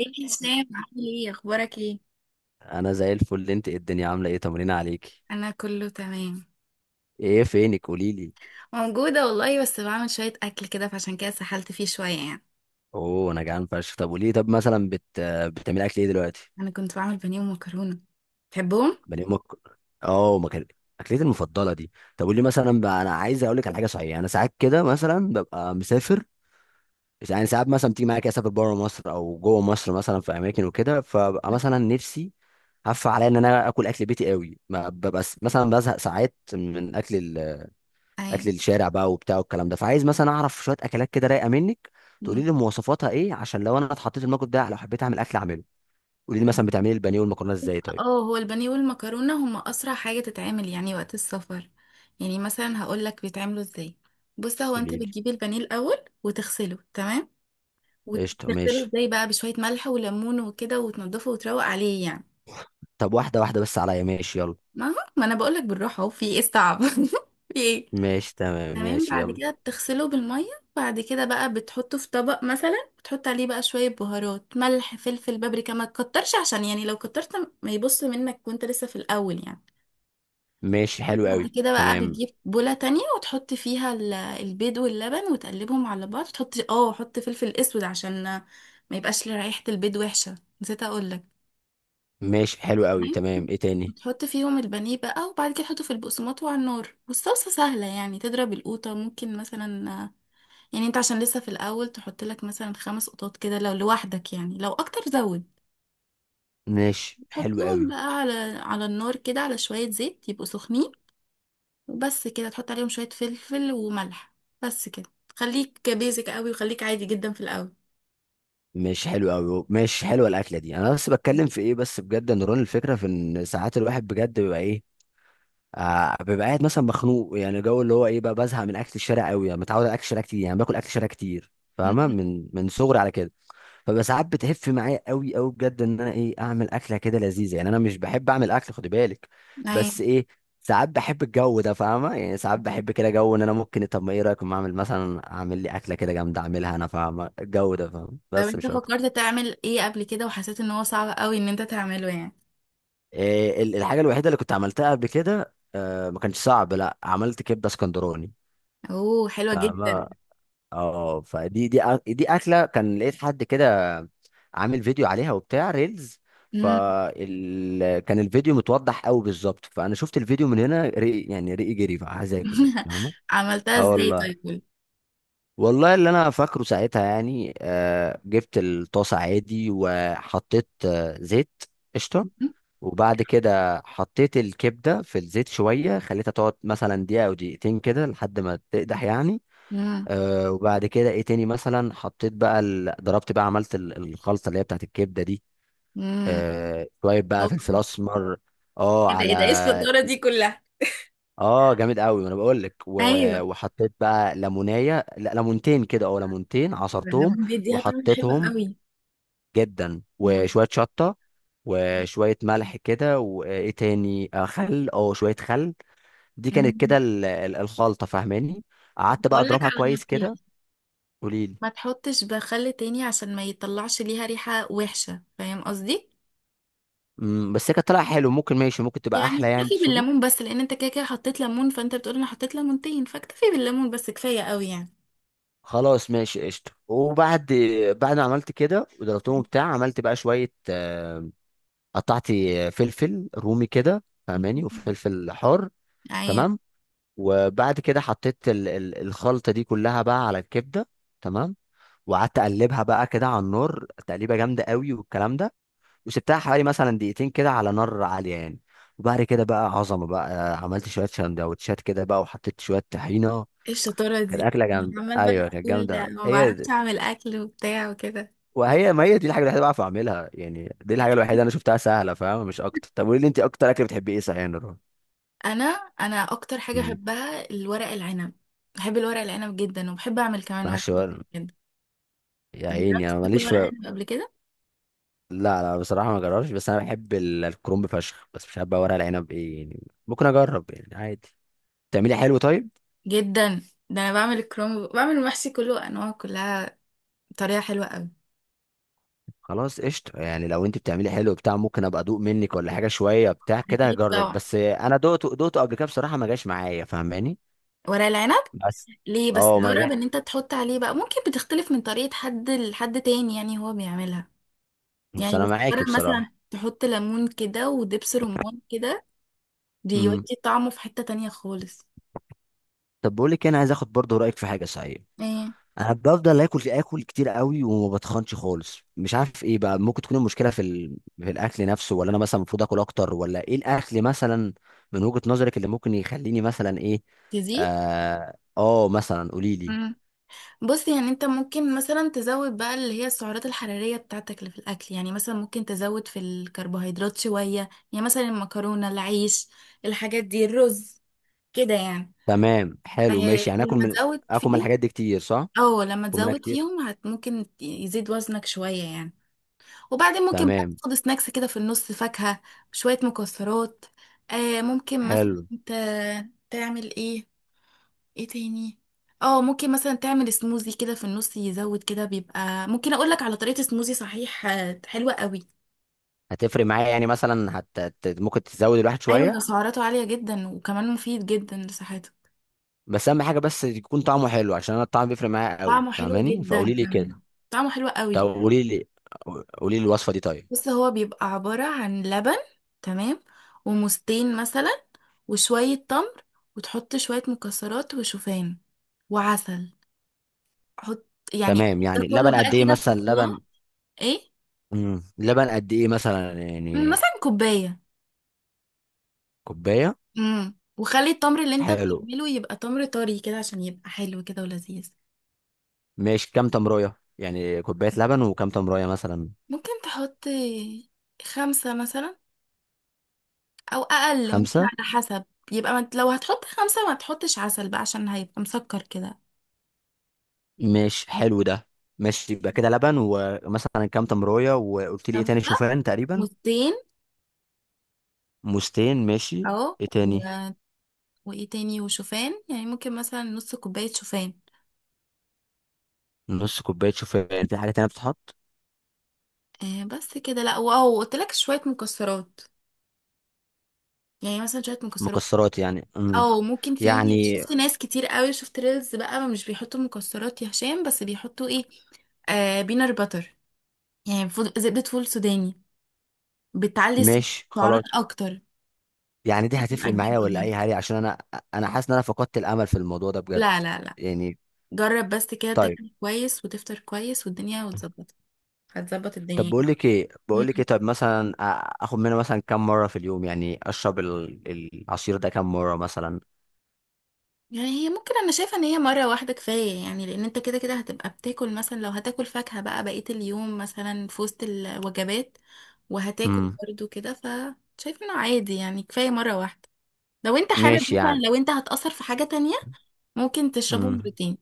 ايه يا هشام؟ عامل ايه؟ اخبارك ايه؟ انا زي الفل. انت إيه؟ الدنيا عامله ايه؟ تمرين عليكي؟ انا كله تمام. ايه فينك؟ قولي لي. موجوده والله، بس بعمل شويه اكل كده، فعشان كده سحلت فيه شويه يعني. اوه انا جعان فشخ. طب قولي لي. طب مثلا بتعملي اكل ايه دلوقتي؟ انا كنت بعمل بانيه ومكرونه، تحبهم؟ بني امك. اه ما كان اكلتي المفضله دي. طب قولي مثلا بقى، انا عايز اقول لك على حاجه صحيحه. انا ساعات كده مثلا ببقى مسافر، يعني ساعات مثلا بتيجي معايا كده اسافر بره مصر او جوه مصر مثلا في اماكن وكده، فببقى مثلا نفسي هف عليا ان انا اكل اكل بيتي قوي. ما ببقى مثلا بزهق ساعات من اكل اكل ايوه. الشارع بقى وبتاع والكلام ده. فعايز مثلا اعرف شويه اكلات كده رايقه منك، تقولي مم. لي مواصفاتها ايه، عشان لو انا اتحطيت في الموقف ده لو حبيت اعمل اكل اعمله. قولي لي مثلا تمام. بتعملي البانيه والمكرونه ازاي اه طيب؟ هو البانيه والمكرونه هما اسرع حاجه تتعمل يعني وقت السفر. يعني مثلا هقول لك بيتعملوا ازاي. بص، هو انت قولي لي. بتجيب البانيه الاول وتغسله، تمام؟ قشطه وتغسله ماشي. ازاي بقى؟ بشويه ملح وليمون وكده وتنضفه وتروق عليه يعني. طب واحده واحده بس عليا، ماشي يلا. ما هو ما انا بقول لك بالراحه، اهو في ايه الصعب في ايه؟ ماشي تمام تمام، ماشي بعد يلا. كده بتغسله بالمية. بعد كده بقى بتحطه في طبق، مثلا بتحط عليه بقى شوية بهارات، ملح، فلفل، بابريكا، ما تكترش عشان يعني لو كترت ما يبص منك وانت لسه في الأول يعني. ماشي حلو بعد قوي كده بقى تمام. بتجيب بولة تانية وتحط فيها البيض واللبن، وتقلبهم على بعض، وتحط اه حط فلفل اسود عشان ما يبقاش ريحة البيض وحشة، نسيت اقولك. ماشي حلو قوي تمام، تمام، ايه تاني؟ وتحط فيهم البانيه بقى، وبعد كده تحطه في البقسماط وعلى النار. والصلصة سهلة يعني، تضرب القوطة، ممكن مثلا يعني انت عشان لسه في الاول تحط لك مثلا 5 قطات كده لو لوحدك يعني، لو اكتر زود. ماشي حلو تحطهم قوي. بقى على على النار كده، على شوية زيت، يبقوا سخنين، وبس كده، تحط عليهم شوية فلفل وملح، بس كده. خليك بيزك قوي، وخليك عادي جدا في الاول. ماشي حلو قوي. ماشي حلوه الاكله دي. انا بس بتكلم في ايه بس، بجد يا نوران، الفكره في ان ساعات الواحد بجد بيبقى ايه، آه، ببقى قاعد مثلا مخنوق، يعني جو اللي هو ايه بقى، بزهق من اكل الشارع قوي، يعني متعود على اكل الشارع كتير، يعني باكل اكل الشارع كتير فاهمه، مم. من صغري على كده. فبقى ساعات بتهف معايا قوي قوي بجد، ان انا ايه، اعمل اكله كده لذيذه، يعني انا مش بحب اعمل اكل خد بالك، أي. بس ايه، ساعات بحب الجو ده فاهمه، يعني ساعات بحب كده جو ان انا ممكن، طب ما ايه رايك، ما اعمل مثلا اعمل لي اكله كده جامده اعملها انا، فاهمه الجو ده فاهمه، طب بس انت مش اكتر. فكرت تعمل ايه قبل كده وحسيت ان هو صعب قوي ان انت تعمله يعني؟ إيه الحاجه الوحيده اللي كنت عملتها قبل كده، آه ما كانش صعب، لا، عملت كبده اسكندراني اوه، حلوة فاهمه. جدا. اه فدي دي دي اكله كان لقيت حد كده عامل فيديو عليها وبتاع ريلز، مم. فال كان الفيديو متوضح قوي بالظبط، فانا شفت الفيديو من هنا رقي، يعني رقي جري بقى عايز اكل فاهمه. عملتها اه ازاي والله، طيب، قولي. والله اللي انا فاكره ساعتها يعني، آه، جبت الطاسه عادي وحطيت آه زيت. قشطه. وبعد كده حطيت الكبده في الزيت شويه، خليتها تقعد مثلا دقيقه او دقيقتين كده لحد ما تقدح يعني. مم. آه وبعد كده ايه تاني، مثلا حطيت بقى ضربت بقى، عملت الخلطه اللي هي بتاعت الكبده دي. مم. آه شويه بقى اوه. فلفل اسمر. اه ايه ده؟ على. ايه ده؟ ايه الشطارة دي كلها؟ اه جامد قوي، ما انا بقول لك ايوه. وحطيت بقى ليمونيه، لا ليمونتين كده، او ليمونتين ايوه، عصرتهم الليمون بيديها طعم حلو وحطيتهم. قوي. جدا، مم. وشويه شطه وشويه ملح كده، وايه تاني، آه خل، اه شويه خل، دي كانت كده مم. الخلطه فاهماني. قعدت بقى اقول لك اضربها على كويس نصيحه، كده. قولي. ما تحطش بخل تاني عشان ما يطلعش ليها ريحة وحشة، فاهم قصدي؟ مم، بس هي كانت طالعه حلو، ممكن، ماشي، ممكن تبقى يعني احلى يعني اكتفي تقصدي. بالليمون بس، لان انت كده كده حطيت ليمون، فانت بتقول انا حطيت ليمونتين، فاكتفي بالليمون بس كفاية قوي يعني. خلاص ماشي قشطه وبعد، بعد ما عملت كده وضربتهم بتاع، عملت بقى شويه آه، قطعت فلفل رومي كده فاهماني مم. وفلفل حار. ايوه. تمام. وبعد كده حطيت الخلطه دي كلها بقى على الكبده. تمام. وقعدت اقلبها بقى كده على النار تقليبه جامده قوي والكلام ده. وسبتها حوالي مثلا دقيقتين كده على نار عاليه يعني. وبعد كده بقى عظمه بقى، عملت شويه سندوتشات كده بقى وحطيت شويه طحينه. ايه الشطاره كانت دي؟ اكله جامده، عمال ايوه بقى كانت تقول جامده أوي. ما هي بعرفش دي. اعمل اكل وبتاع وكده. وهي، ما هي دي الحاجه الوحيده اللي بعرف اعملها يعني، دي الحاجه الوحيده انا شفتها سهله فاهم، مش اكتر. طب قولي لي انت، اكتر اكل بتحبي ايه صحيح يا نور؟ انا انا اكتر حاجة مم. بحبها الورق العنب، بحب الورق العنب جدا، وبحب اعمل كمان ورق معلش بقى. العنب. يا جربت عيني انا تاكل ماليش ورق في. عنب قبل كده؟ لا لا بصراحه ما جربش، بس انا بحب الكرنب فشخ، بس مش عارف بقى ورق العنب ايه يعني، ممكن اجرب يعني عادي. بتعملي حلو طيب؟ جدا، ده انا بعمل الكرنب، بعمل المحشي كله، انواع كلها، بطريقه حلوه قوي. خلاص قشطه، يعني لو انت بتعملي حلو بتاع ممكن ابقى ادوق منك، ولا حاجه شويه بتاع كده اكيد هجرب، طبعا بس انا دوقته دوقته قبل كده بصراحه ما جاش معايا فاهماني. ورق العنب، بس. ليه بس؟ اه ما، جرب ان انت تحط عليه بقى، ممكن بتختلف من طريقه حد لحد تاني يعني هو بيعملها. بس يعني انا بس معاكي جرب مثلا بصراحه. تحط ليمون كده ودبس رمان كده، امم. بيودي طعمه في حته تانية خالص. طب بقول لك إيه، انا عايز اخد برضه رايك في حاجه صحيح. ايه؟ انا بفضل اكل اكل كتير قوي وما بتخنش خالص، مش عارف ايه بقى ممكن تكون المشكله، في في الاكل نفسه، ولا انا مثلا المفروض اكل اكتر، ولا ايه الاكل مثلا من وجهه نظرك اللي ممكن يخليني مثلا ايه. تزيد. اه, آه مثلا قولي لي. بص يعني انت ممكن مثلا تزود بقى اللي هي السعرات الحرارية بتاعتك اللي في الأكل يعني. مثلا ممكن تزود في الكربوهيدرات شوية، يعني مثلا المكرونة، العيش، الحاجات دي، الرز، كده يعني. تمام حلو آه، ماشي، يعني اكل لما من، تزود اكل من فيهم. الحاجات دي كتير صح؟ اه لما اكل منها تزود كتير. فيهم ممكن يزيد وزنك شوية يعني. وبعدين ممكن بقى تمام. تاخد سناكس كده في النص، فاكهة، شوية مكسرات. آه، ممكن مثلا حلو. انت تعمل ايه، ايه تاني؟ اه ممكن مثلا تعمل سموزي كده في النص، يزود كده، بيبقى ممكن اقولك على طريقة سموزي صحيح. حلوة قوي. هتفرق معايا يعني مثلا ممكن تزود الواحد ايوه ده شويه؟ سعراته عالية جدا، وكمان مفيد جدا لصحتك. بس اهم حاجه بس يكون طعمه حلو، عشان انا الطعم بيفرق معايا قوي طعمه حلو فاهماني، جدا فقولي لي كمان، كده. طعمه حلو طب قوي. قولي لي، قولي لي الوصفه دي طيب. بس هو بيبقى عبارة عن لبن، تمام، وموزتين مثلا، وشوية تمر، وتحط شوية مكسرات وشوفان، وعسل. حط، يعني تمام ده يعني كله لبن بقى قد ايه كده في مثلا لبن؟ الخلاط. ايه؟ مم. لبن قد ايه مثلا يعني؟ مثلا كوباية. كوبايه. امم، وخلي التمر اللي انت حلو بتعمله يبقى تمر طري كده عشان يبقى حلو كده ولذيذ. ماشي، كام تمريه يعني، كوبايه لبن وكام تمريه مثلا؟ ممكن تحط 5 مثلا، او اقل، ممكن خمسه. على حسب. يبقى ما انت- لو هتحط 5 ما تحطش عسل بقى، عشان هيبقى مسكر كده. مش حلو ده. ماشي، يبقى كده لبن ومثلا كام تمريه، وقلت لي ايه تاني، 5، شوفان تقريبا. موزتين، مستين ماشي. اهو ايه تاني؟ و... وايه تاني؟ وشوفان، يعني ممكن مثلا نص كوباية شوفان. نص كوبايه شوفان، في حاجه تانيه بتتحط؟ آه بس كده، لا واهو قلت لك شوية مكسرات، يعني مثلا شوية مكسرات. مكسرات يعني. امم. او ممكن، في يعني. شفت ناس كتير قوي، شفت ريلز بقى، مش بيحطوا مكسرات يا هشام، بس بيحطوا ايه؟ بينر باتر، يعني فول زبدة، فول سوداني، بتعلي ماشي السعرات خلاص، اكتر. يعني دي بتبقى هتفرق تجيب معايا ولا اي وجبة. حاجه عشان انا، انا حاسس ان انا فقدت الامل في الموضوع ده بجد. لا لا لا، يعني. جرب بس كده طيب. تاكل كويس وتفطر كويس والدنيا وتظبط، هتظبط طب الدنيا. بقول لك ايه، بقول لك ايه، طب مثلا اخد منها مثلا كام مره في اليوم، يعني اشرب العصير ده كام مره مثلا؟ يعني هي ممكن، انا شايفه ان هي مره واحده كفايه يعني، لان انت كده كده هتبقى بتاكل، مثلا لو هتاكل فاكهه بقى بقيه اليوم مثلا في وسط الوجبات، وهتاكل امم. برضو كده، فشايفه انه عادي يعني، كفايه مره واحده. لو انت حابب ماشي مثلا، يعني. لو انت هتأثر في حاجه تانية ممكن تشربه امم. مرتين.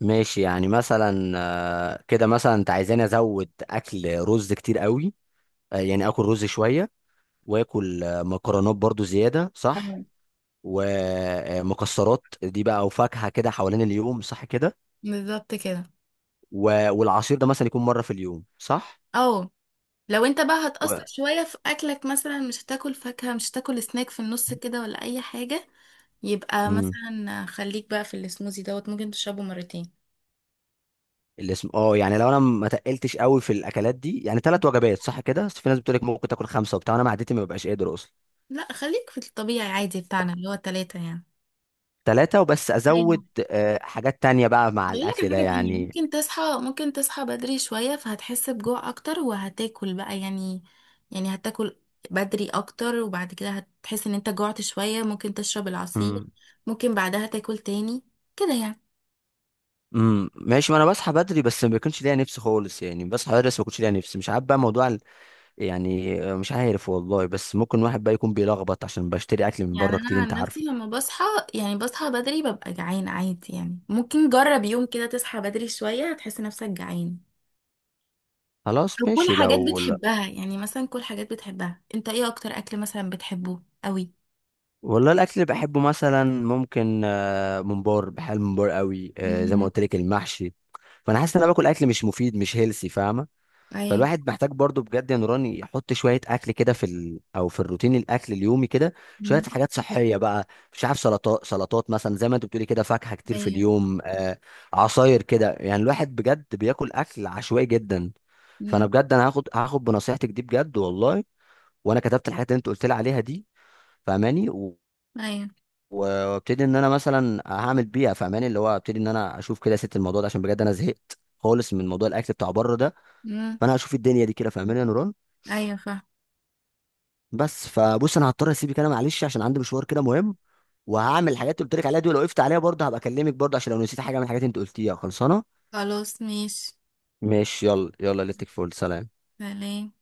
ماشي يعني، مثلا آه، كده مثلا انت عايزاني ازود اكل رز كتير قوي، آه، يعني اكل رز شويه، واكل آه، مكرونات برضو زياده صح؟ أيوة. ومكسرات دي بقى، وفاكهه كده حوالين اليوم صح كده؟ بالظبط كده. والعصير ده مثلا يكون مره في اليوم صح؟ اه، لو انت بقى و... هتأثر شوية في أكلك، مثلا مش هتاكل فاكهة، مش هتاكل سناك في النص كده، ولا أي حاجة، يبقى امم. مثلا خليك بقى في السموزي دوت، ممكن تشربه مرتين. الاسم، اه يعني لو انا ما تقلتش قوي في الاكلات دي، يعني ثلاث وجبات صح كده، بس في ناس بتقول لك ممكن تاكل خمسه وبتاع، انا معدتي ما ببقاش قادر اصلا. لا، خليك في الطبيعي عادي بتاعنا اللي هو التلاتة يعني. ثلاثه وبس ايوه. ازود آه، حاجات تانية بقى مع هقول لك الاكل على ده حاجه تانية، يعني. ممكن تصحى، ممكن تصحى بدري شوية، فهتحس بجوع أكتر وهتاكل بقى يعني. يعني هتاكل بدري أكتر، وبعد كده هتحس إن أنت جوعت شوية، ممكن تشرب العصير، امم. ممكن بعدها تاكل تاني، كده يعني. ماشي، ما انا بصحى بدري، بس ما بيكونش ليا نفس خالص يعني، بصحى بدري بس ما بيكونش ليا نفس، مش عارف بقى موضوع يعني آه، مش عارف والله، بس ممكن واحد بقى يكون بيلخبط عشان بشتري اكل من يعني بره كتير أنا انت عن نفسي عارفه. لما بصحى، يعني بصحى بدري، ببقى جعان عادي يعني. ممكن جرب يوم كده تصحى بدري شوية، هتحس نفسك جعان. أو خلاص كل ماشي حاجات لو لا. بتحبها، يعني مثلا كل حاجات بتحبها. انت ايه اكتر اكل مثلا بتحبه قوي؟ والله الاكل اللي بحبه مثلا ممكن آه، ممبار، بحب الممبار قوي، آه، زي ما امم. قلت لك المحشي. فانا حاسس ان انا باكل اكل مش مفيد مش هيلسي فاهمه. ايوه. فالواحد محتاج برضو بجد يا نوران يحط شوية أكل كده في أو في الروتين الأكل اليومي كده، شوية امم. حاجات صحية بقى. مش عارف سلطات، سلطات مثلا زي ما أنت بتقولي كده، فاكهة كتير في ايوه. اليوم آه، عصاير كده، يعني الواحد بجد بياكل أكل عشوائي جدا. فأنا امم. بجد أنا هاخد، هاخد بنصيحتك دي بجد والله، وأنا كتبت الحاجات اللي أنت قلت لي عليها دي فاهماني، ايوه. وابتدي ان انا مثلا هعمل بيها فاهماني، اللي هو ابتدي ان انا اشوف كده يا ست الموضوع ده، عشان بجد انا زهقت خالص من موضوع الاكل بتاع بره ده. امم. فانا هشوف الدنيا دي كده فاهماني يا نوران. ايوه. فاهم. بس فبص انا هضطر اسيبك انا، معلش عشان عندي مشوار كده مهم، وهعمل الحاجات اللي قلت لك عليها دي ولو وقفت. خلاص ماشي، سلام.